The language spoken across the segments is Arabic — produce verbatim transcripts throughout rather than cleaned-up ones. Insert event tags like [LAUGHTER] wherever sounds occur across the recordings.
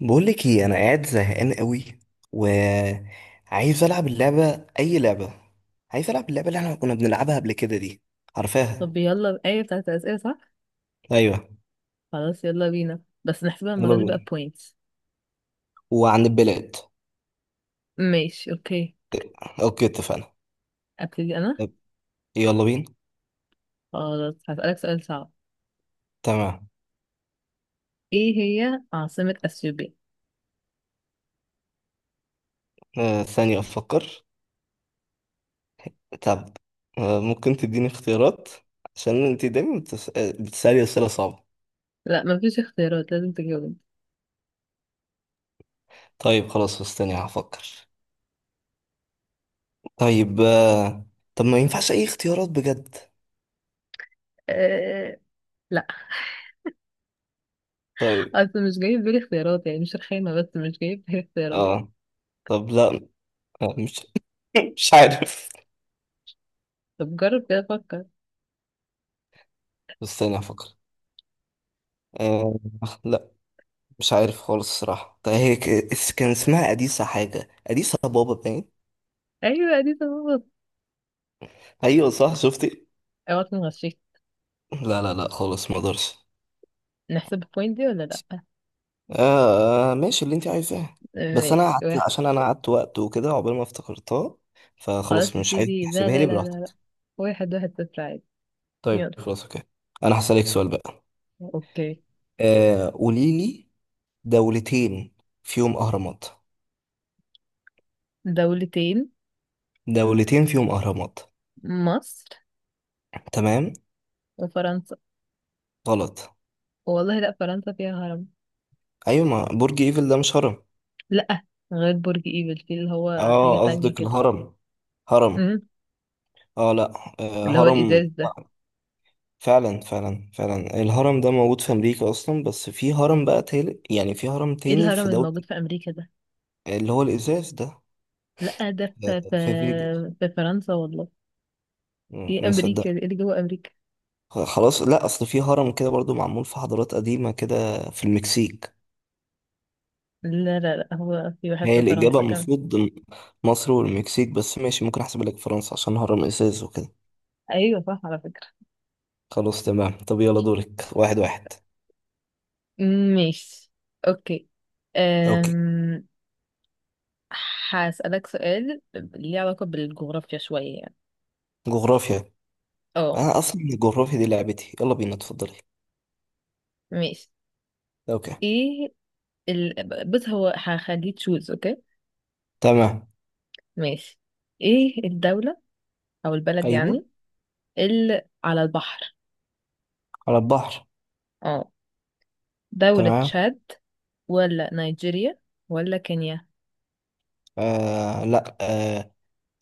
بقولك ايه، انا قاعد زهقان قوي وعايز العب اللعبه، اي لعبه. عايز العب اللعبه اللي احنا كنا بنلعبها قبل كده دي، عارفاها؟ طب، يلا، ايه بتاعت الأسئلة؟ صح. ايوه، خلاص، يلا بينا، بس نحسبها يلا المرة دي بقى بينا. بوينتس. وعن البلاد. ماشي، اوكي. اوكي، اتفقنا. ابتدي انا. طب، يلا بينا. خلاص هسألك سؤال صعب. تمام. ايه هي عاصمة اثيوبيا؟ آه ثانيه افكر. طب، آه ممكن تديني اختيارات؟ عشان انت دايما بتس... آه، بتسالي اسئله صعبه. لا مفيش اختيارات، لازم تجاوب انت. طيب خلاص، استني هفكر. طيب آه... طب ما ينفعش اي اختيارات بجد؟ أه... لا. طيب. اصل مش جاي في بالي اختيارات، يعني مش رخامة بس مش جاي في بالي اختيارات. اه. طب لا. آه، مش مش عارف. طب جرب كده، فكر. استنى افكر. آه. لا. مش عارف خالص الصراحة. طيب، هي ك- اس- كان اسمها أديسة، حاجة أديسة بابا باين. ايوه دي تظبط. ايوه صح، شفتي؟ اوعى تكون غشيت. لا لا لا خالص، ما اقدرش. نحسب البوينت دي ولا لا؟ آه آه، ماشي، اللي انت عايزاه. آه، بس انا ماشي، قعدت، واحد. عشان انا قعدت وقت وكده عقبال ما افتكرتها، فخلاص خلاص مش عايز نبتدي. لا تحسبها لا لي، لا لا لا. براحتك. واحد واحد صفر، عادي. طيب يلا. خلاص، اوكي. انا هسألك سؤال بقى. اوكي. آه قولي لي، دولتين فيهم اهرامات. دولتين. دولتين فيهم اهرامات. مصر. تمام. وفرنسا. غلط. والله لا، فرنسا فيها هرم. ايوه، ما برج ايفل ده مش هرم. لا. غير برج ايفل في اللي هو حاجة اه، تانية قصدك كده. الهرم. هرم. امم اه لا. آه اللي هو هرم. الإزاز ده. فعلا فعلا فعلا، الهرم ده موجود في امريكا اصلا، بس في هرم بقى تالت، يعني في هرم ايه تاني الهرم في دولة. الموجود في أمريكا ده؟ اللي هو الازاز ده. لا، ده في في, آه، في فيجاس. في فرنسا والله. مم، ايه أمريكا مصدق. دي؟ ايه اللي جوه أمريكا؟ خ- خلاص لا، اصل في هرم كده برضو معمول في حضارات قديمة كده في المكسيك. لا لا لا، هو في واحد هي في الإجابة فرنسا كمان. المفروض م- مصر والمكسيك بس، ماشي ممكن أحسب لك فرنسا عشان هرم إزاز وكده. أيوة صح على فكرة. خلاص تمام، طب يلا دورك، واحد واحد. أمم، ماشي. أوكي. أوكي. أم... هسألك سؤال ليه علاقة بالجغرافيا شوية يعني. جغرافيا. اه. انا اصلا الجغرافيا دي لعبتي، يلا بينا اتفضلي. ماشي. اوكي. ايه ال... بص، هو هخليه تشوز. اوكي. تمام. ماشي. ايه الدولة او البلد ايوه. يعني، اللي على البحر؟ على البحر. اه. دولة تمام. تشاد. ولا نيجيريا. ولا كينيا. آه لا آه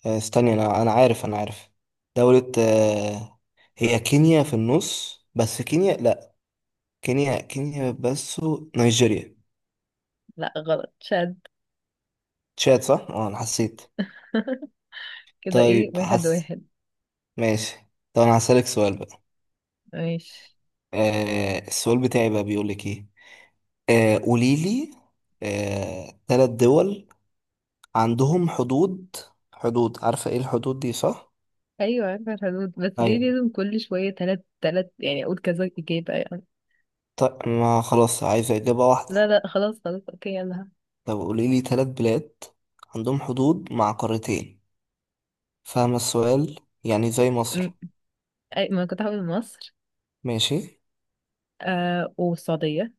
آه، استني، انا انا عارف، انا عارف. دولة آه هي كينيا في النص، بس كينيا لا. كينيا كينيا بس. نيجيريا. لا غلط، تشاد. تشاد صح، اه انا حسيت. [LAUGHS] كده ايه؟ طيب واحد حس. واحد. ماشي. طب انا هسألك سؤال بقى. ماشي. آه السؤال بتاعي بقى بيقول لك ايه. آه قولي لي، آه ثلاث دول عندهم حدود. حدود، عارفة ايه الحدود دي صح؟ ايوه عارفة الحدود، بس ليه ايوه. لازم كل شوية تلات تلات يعني اقول كذا اجابة يعني؟ طيب ما خلاص، عايزة اجابة لا واحدة. لا، خلاص خلاص، اوكي، يلا. طب قوليلي تلات بلاد عندهم حدود مع قارتين. فاهمة السؤال؟ يعني زي م- مصر. أي ما كنت هقول مصر. ماشي. آه والسعودية.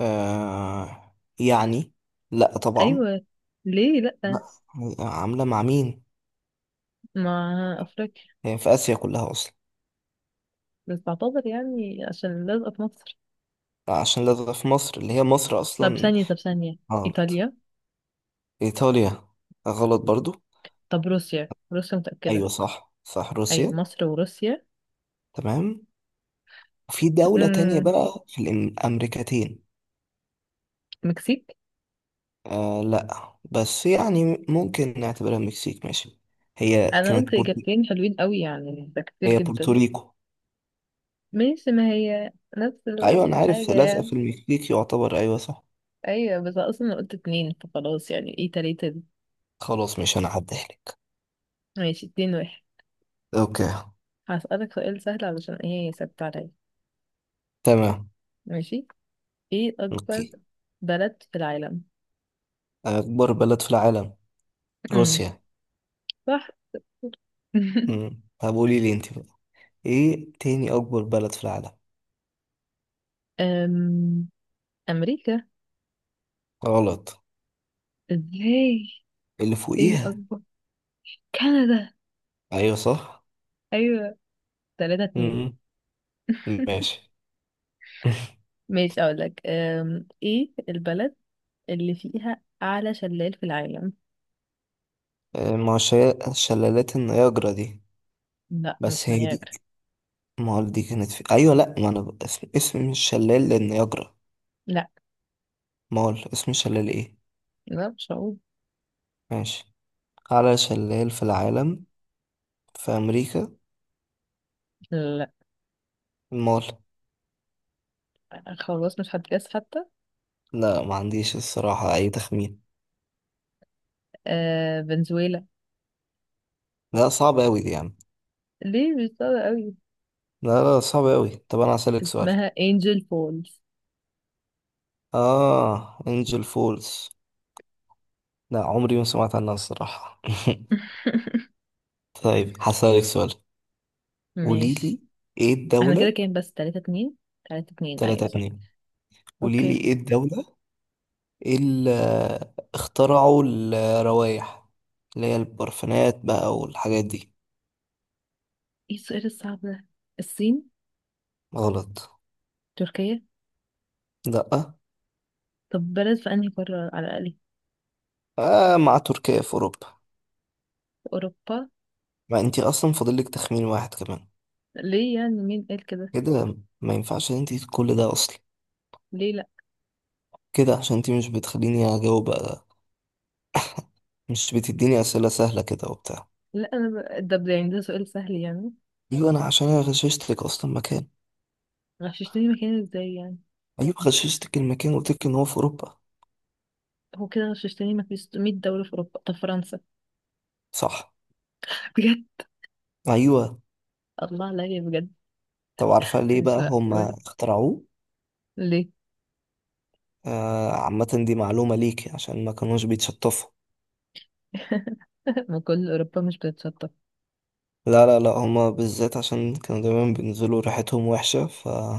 آه يعني لا طبعا. ايوه. ليه لا؟ لا. عاملة مع مين؟ ما افريقيا. هي في آسيا كلها أصلا. بس بعتذر يعني عشان لازقة في مصر. لا، عشان لازم في مصر اللي هي مصر طب أصلا. ثانية، طب ثانية. غلط. إيطاليا. إيطاليا، غلط برضو. طب روسيا، روسيا أيوة متأكدة. صح صح، أيوة روسيا. مصر وروسيا. تمام. في دولة تانية امم بقى في الأمريكتين. مكسيك. آه لا، بس يعني ممكن نعتبرها المكسيك، ماشي. هي أنا كانت قلت بورتو... إجابتين حلوين قوي يعني، ده كتير هي جدا. بورتوريكو. ماشي، ما هي نفس أيوة أنا عارف الحاجة لازقة يعني. في المكسيك، يعتبر أيوة صح. أيوة بس أصلا أنا قلت اتنين فخلاص، يعني إيه تلاتة دي؟ خلاص، مش أنا هعديها لك. ماشي، اتنين واحد. أوكي. هسألك سؤال سهل علشان إيه ثابت عليا. تمام. ماشي. إيه أكبر أوكي. بلد في العالم؟ أكبر بلد في العالم، امم روسيا. صح. [LAUGHS] مم. طب قولي لي أنت بقى، إيه تاني أكبر بلد في العالم؟ أم، أمريكا. غلط. ازاي؟ اللي اديني فوقيها. اكبر. كندا. أيوة صح. ايوه. تلاتة اتنين. مم. ماشي. [LAUGHS] ماشي، اقول لك، أم، ايه البلد اللي فيها اعلى شلال في العالم؟ آه، ما هو شيا- شلالات النياجرا دي. لا بس مش هي دي. نياجرا. مول دي كانت في، ايوه لا، ما انا ب- اسم اسم الشلال للنياجرا. لا. مول اسم الشلال ايه؟ لا مش هقول. ماشي. اعلى شلال في العالم، في امريكا، لا المول. خلاص، مش هتجاز حتى. لا، ما عنديش الصراحه اي تخمين. آه فنزويلا. لا صعب اوي دي يعني. ليه، مش صعبة قوي. لا لا، صعب اوي. طب انا هسألك سؤال. اسمها انجل فولز. اه، انجل فولز. لا، عمري ما سمعت عنها الصراحه. [LAUGHS] [LAUGHS] طيب هسألك سؤال. ماشي. قوليلي ايه احنا كده الدوله. كام؟ بس تلاتة اتنين. تلاتة اتنين، 3 ايوه صح. 2 اوكي. قوليلي ايه الدوله، ايه اللي اخترعوا الروايح، اللي هي البرفانات بقى والحاجات دي. ايه السؤال الصعب ده؟ الصين. غلط. تركيا. لا. طب بلد في انهي قارة على الاقل؟ آه مع تركيا في اوروبا. في اوروبا. ما انتي اصلا فاضلك تخمين واحد كمان. ليه يعني، مين قال كده؟ كده ما ينفعش ان انتي كل ده اصلا. ليه لا؟ كده عشان انتي مش بتخليني اجاوب بقى، مش بتديني اسئله سهله كده وبتاع. لا انا ب... ده، يعني ده سؤال سهل يعني. ايوه، انا عشان انا غششتك اصلا مكان. غششتني مكان ازاي يعني؟ ايوه غششتك المكان وقلتلك ان هو في اوروبا. هو كده غششتني، ما في ستمية دولة في اوروبا. طب فرنسا. صح. [LAUGHS] بجد. ايوه. الله عليا بجد. طب عارفه ليه مش بقى هما معقول. اخترعوه؟ ليه؟ آه، عامة دي معلومة ليك، عشان ما كانوش بيتشطفوا. [LAUGHS] ما كل اوروبا مش بتتشطب. لا لا لا، هما بالذات عشان كانوا دايما بينزلوا ريحتهم وحشة، فكانوا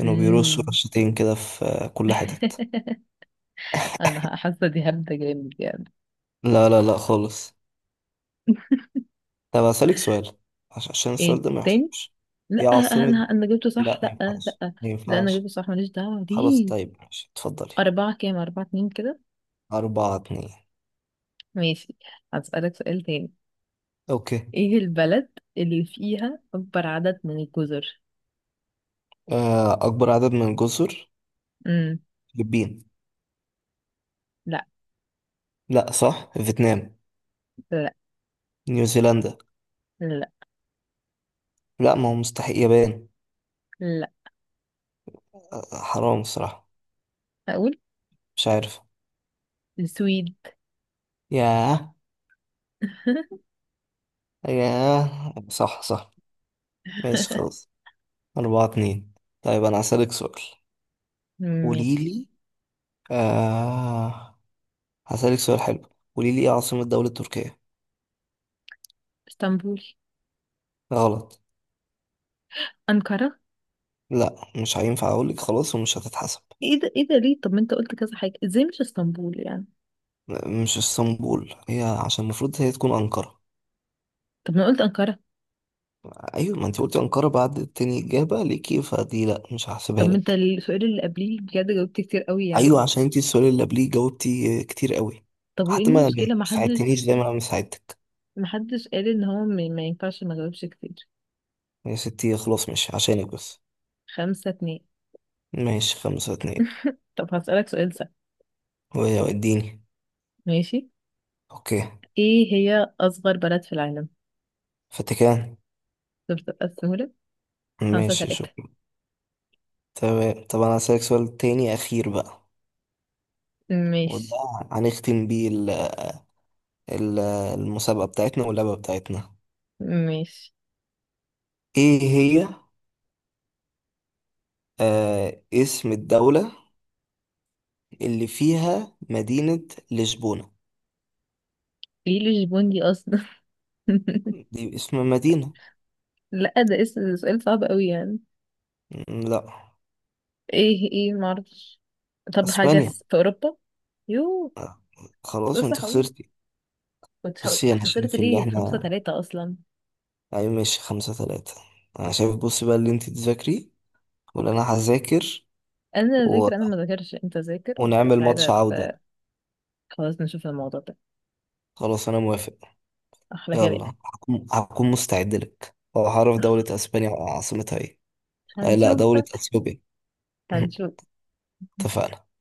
بيرشوا رشتين كده في آه، كل حتت. [LAUGHS] انا حاسه دي هبده جامد يعني. لا لا لا خالص. طب هسألك سؤال، عش- عشان ايه السؤال ده ما تاني؟ يحصلش. لا هي عاصمة، انا انا جبته صح. لا ما لا ينفعش لا. ما لا انا ينفعش. جبته صح، ماليش دعوه خلاص دي. طيب ماشي، اتفضلي. اربعه كام؟ اربعه اتنين كده. أربعة اتنين. ماشي. هسألك سؤال تاني. أوكي. ايه البلد اللي فيها اكبر عدد من الجزر؟ آه، أكبر عدد من الجزر. امم فلبين. لا. لا صح، فيتنام. لا نيوزيلندا. لا لا ما هو مستحيل، يابان. لا. حرام الصراحة. اقول مش عارف. السويد. ياه. [LAUGHS] ياه صح صح. ماشي خلاص، أربعة اتنين. طيب أنا هسألك سؤال. ماشي. قوليلي، آه هسألك سؤال حلو. قوليلي إيه عاصمة دولة تركيا؟ اسطنبول. غلط. انقرة. لا، مش هينفع أقولك خلاص، ومش هتتحسب. ايه ده، ايه ده، ليه؟ طب ما انت قلت كذا حاجة، ازاي مش اسطنبول يعني؟ م- مش اسطنبول، هي عشان المفروض هي تكون أنقرة. طب ما أنا قلت انقرة. أيوة ما أنت قلتي أنقرة بعد تاني إجابة ليكي، فدي لا مش طب هحسبها ما انت لك. السؤال اللي قبليه بجد جاوبت كتير قوي يعني. ايوه عشان انت السؤال اللي قبليه جاوبتي كتير قوي. طب وايه حتى ما ما المشكلة، ما حدش، ساعدتنيش زي ما انا ساعدتك. ما حدش قال ان هو ما ما ينفعش ما جاوبش كتير. يا ستي خلاص ماشي، عشانك بس. خمسة اتنين. ماشي، خمسة اتنين. طب هسألك سؤال سهل. واديني. ماشي. اوكي. ايه هي اصغر بلد في العالم؟ فاتيكان. شفت بقى السهولة. خمسة ماشي تلاتة. شكرا. تمام. طب انا هسألك سؤال تاني اخير بقى، وده ماشي. هنختم بيه ال- ال- المسابقة بتاعتنا واللعبة بتاعتنا. ماشي. ايه هي، آه اسم الدولة اللي فيها مدينة لشبونة. ايه الجبون دي اصلا؟ [LAUGHS] دي اسم مدينة. لا، ده اسم، سؤال صعب قوي يعني. م، لا. ايه ايه معرفش. طب حاجة اسبانيا. س- في اوروبا. يو. آه، خلاص بص انت هقول، خسرتي. كنت هقول بصي انا خسرت شايف ان ليه؟ خمسة احنا، تلاتة اصلا. اي ماشي خمسة ثلاثة. انا شايف بصي بقى، اللي انت تذاكري ولا انا هذاكر انا و... ذاكر، انا ما ذاكرش، انت ذاكر ونعمل ماتش وتعالى. عودة. خلاص نشوف الموضوع ده. خلاص انا موافق. احلى كلام. يلا، هكون هكون مستعد لك، وهعرف دولة أح- اسبانيا عاصمتها ايه. آه لا، هنشوف دولة بقى. اثيوبيا. [LAUGHS] هنشوف. اتفقنا.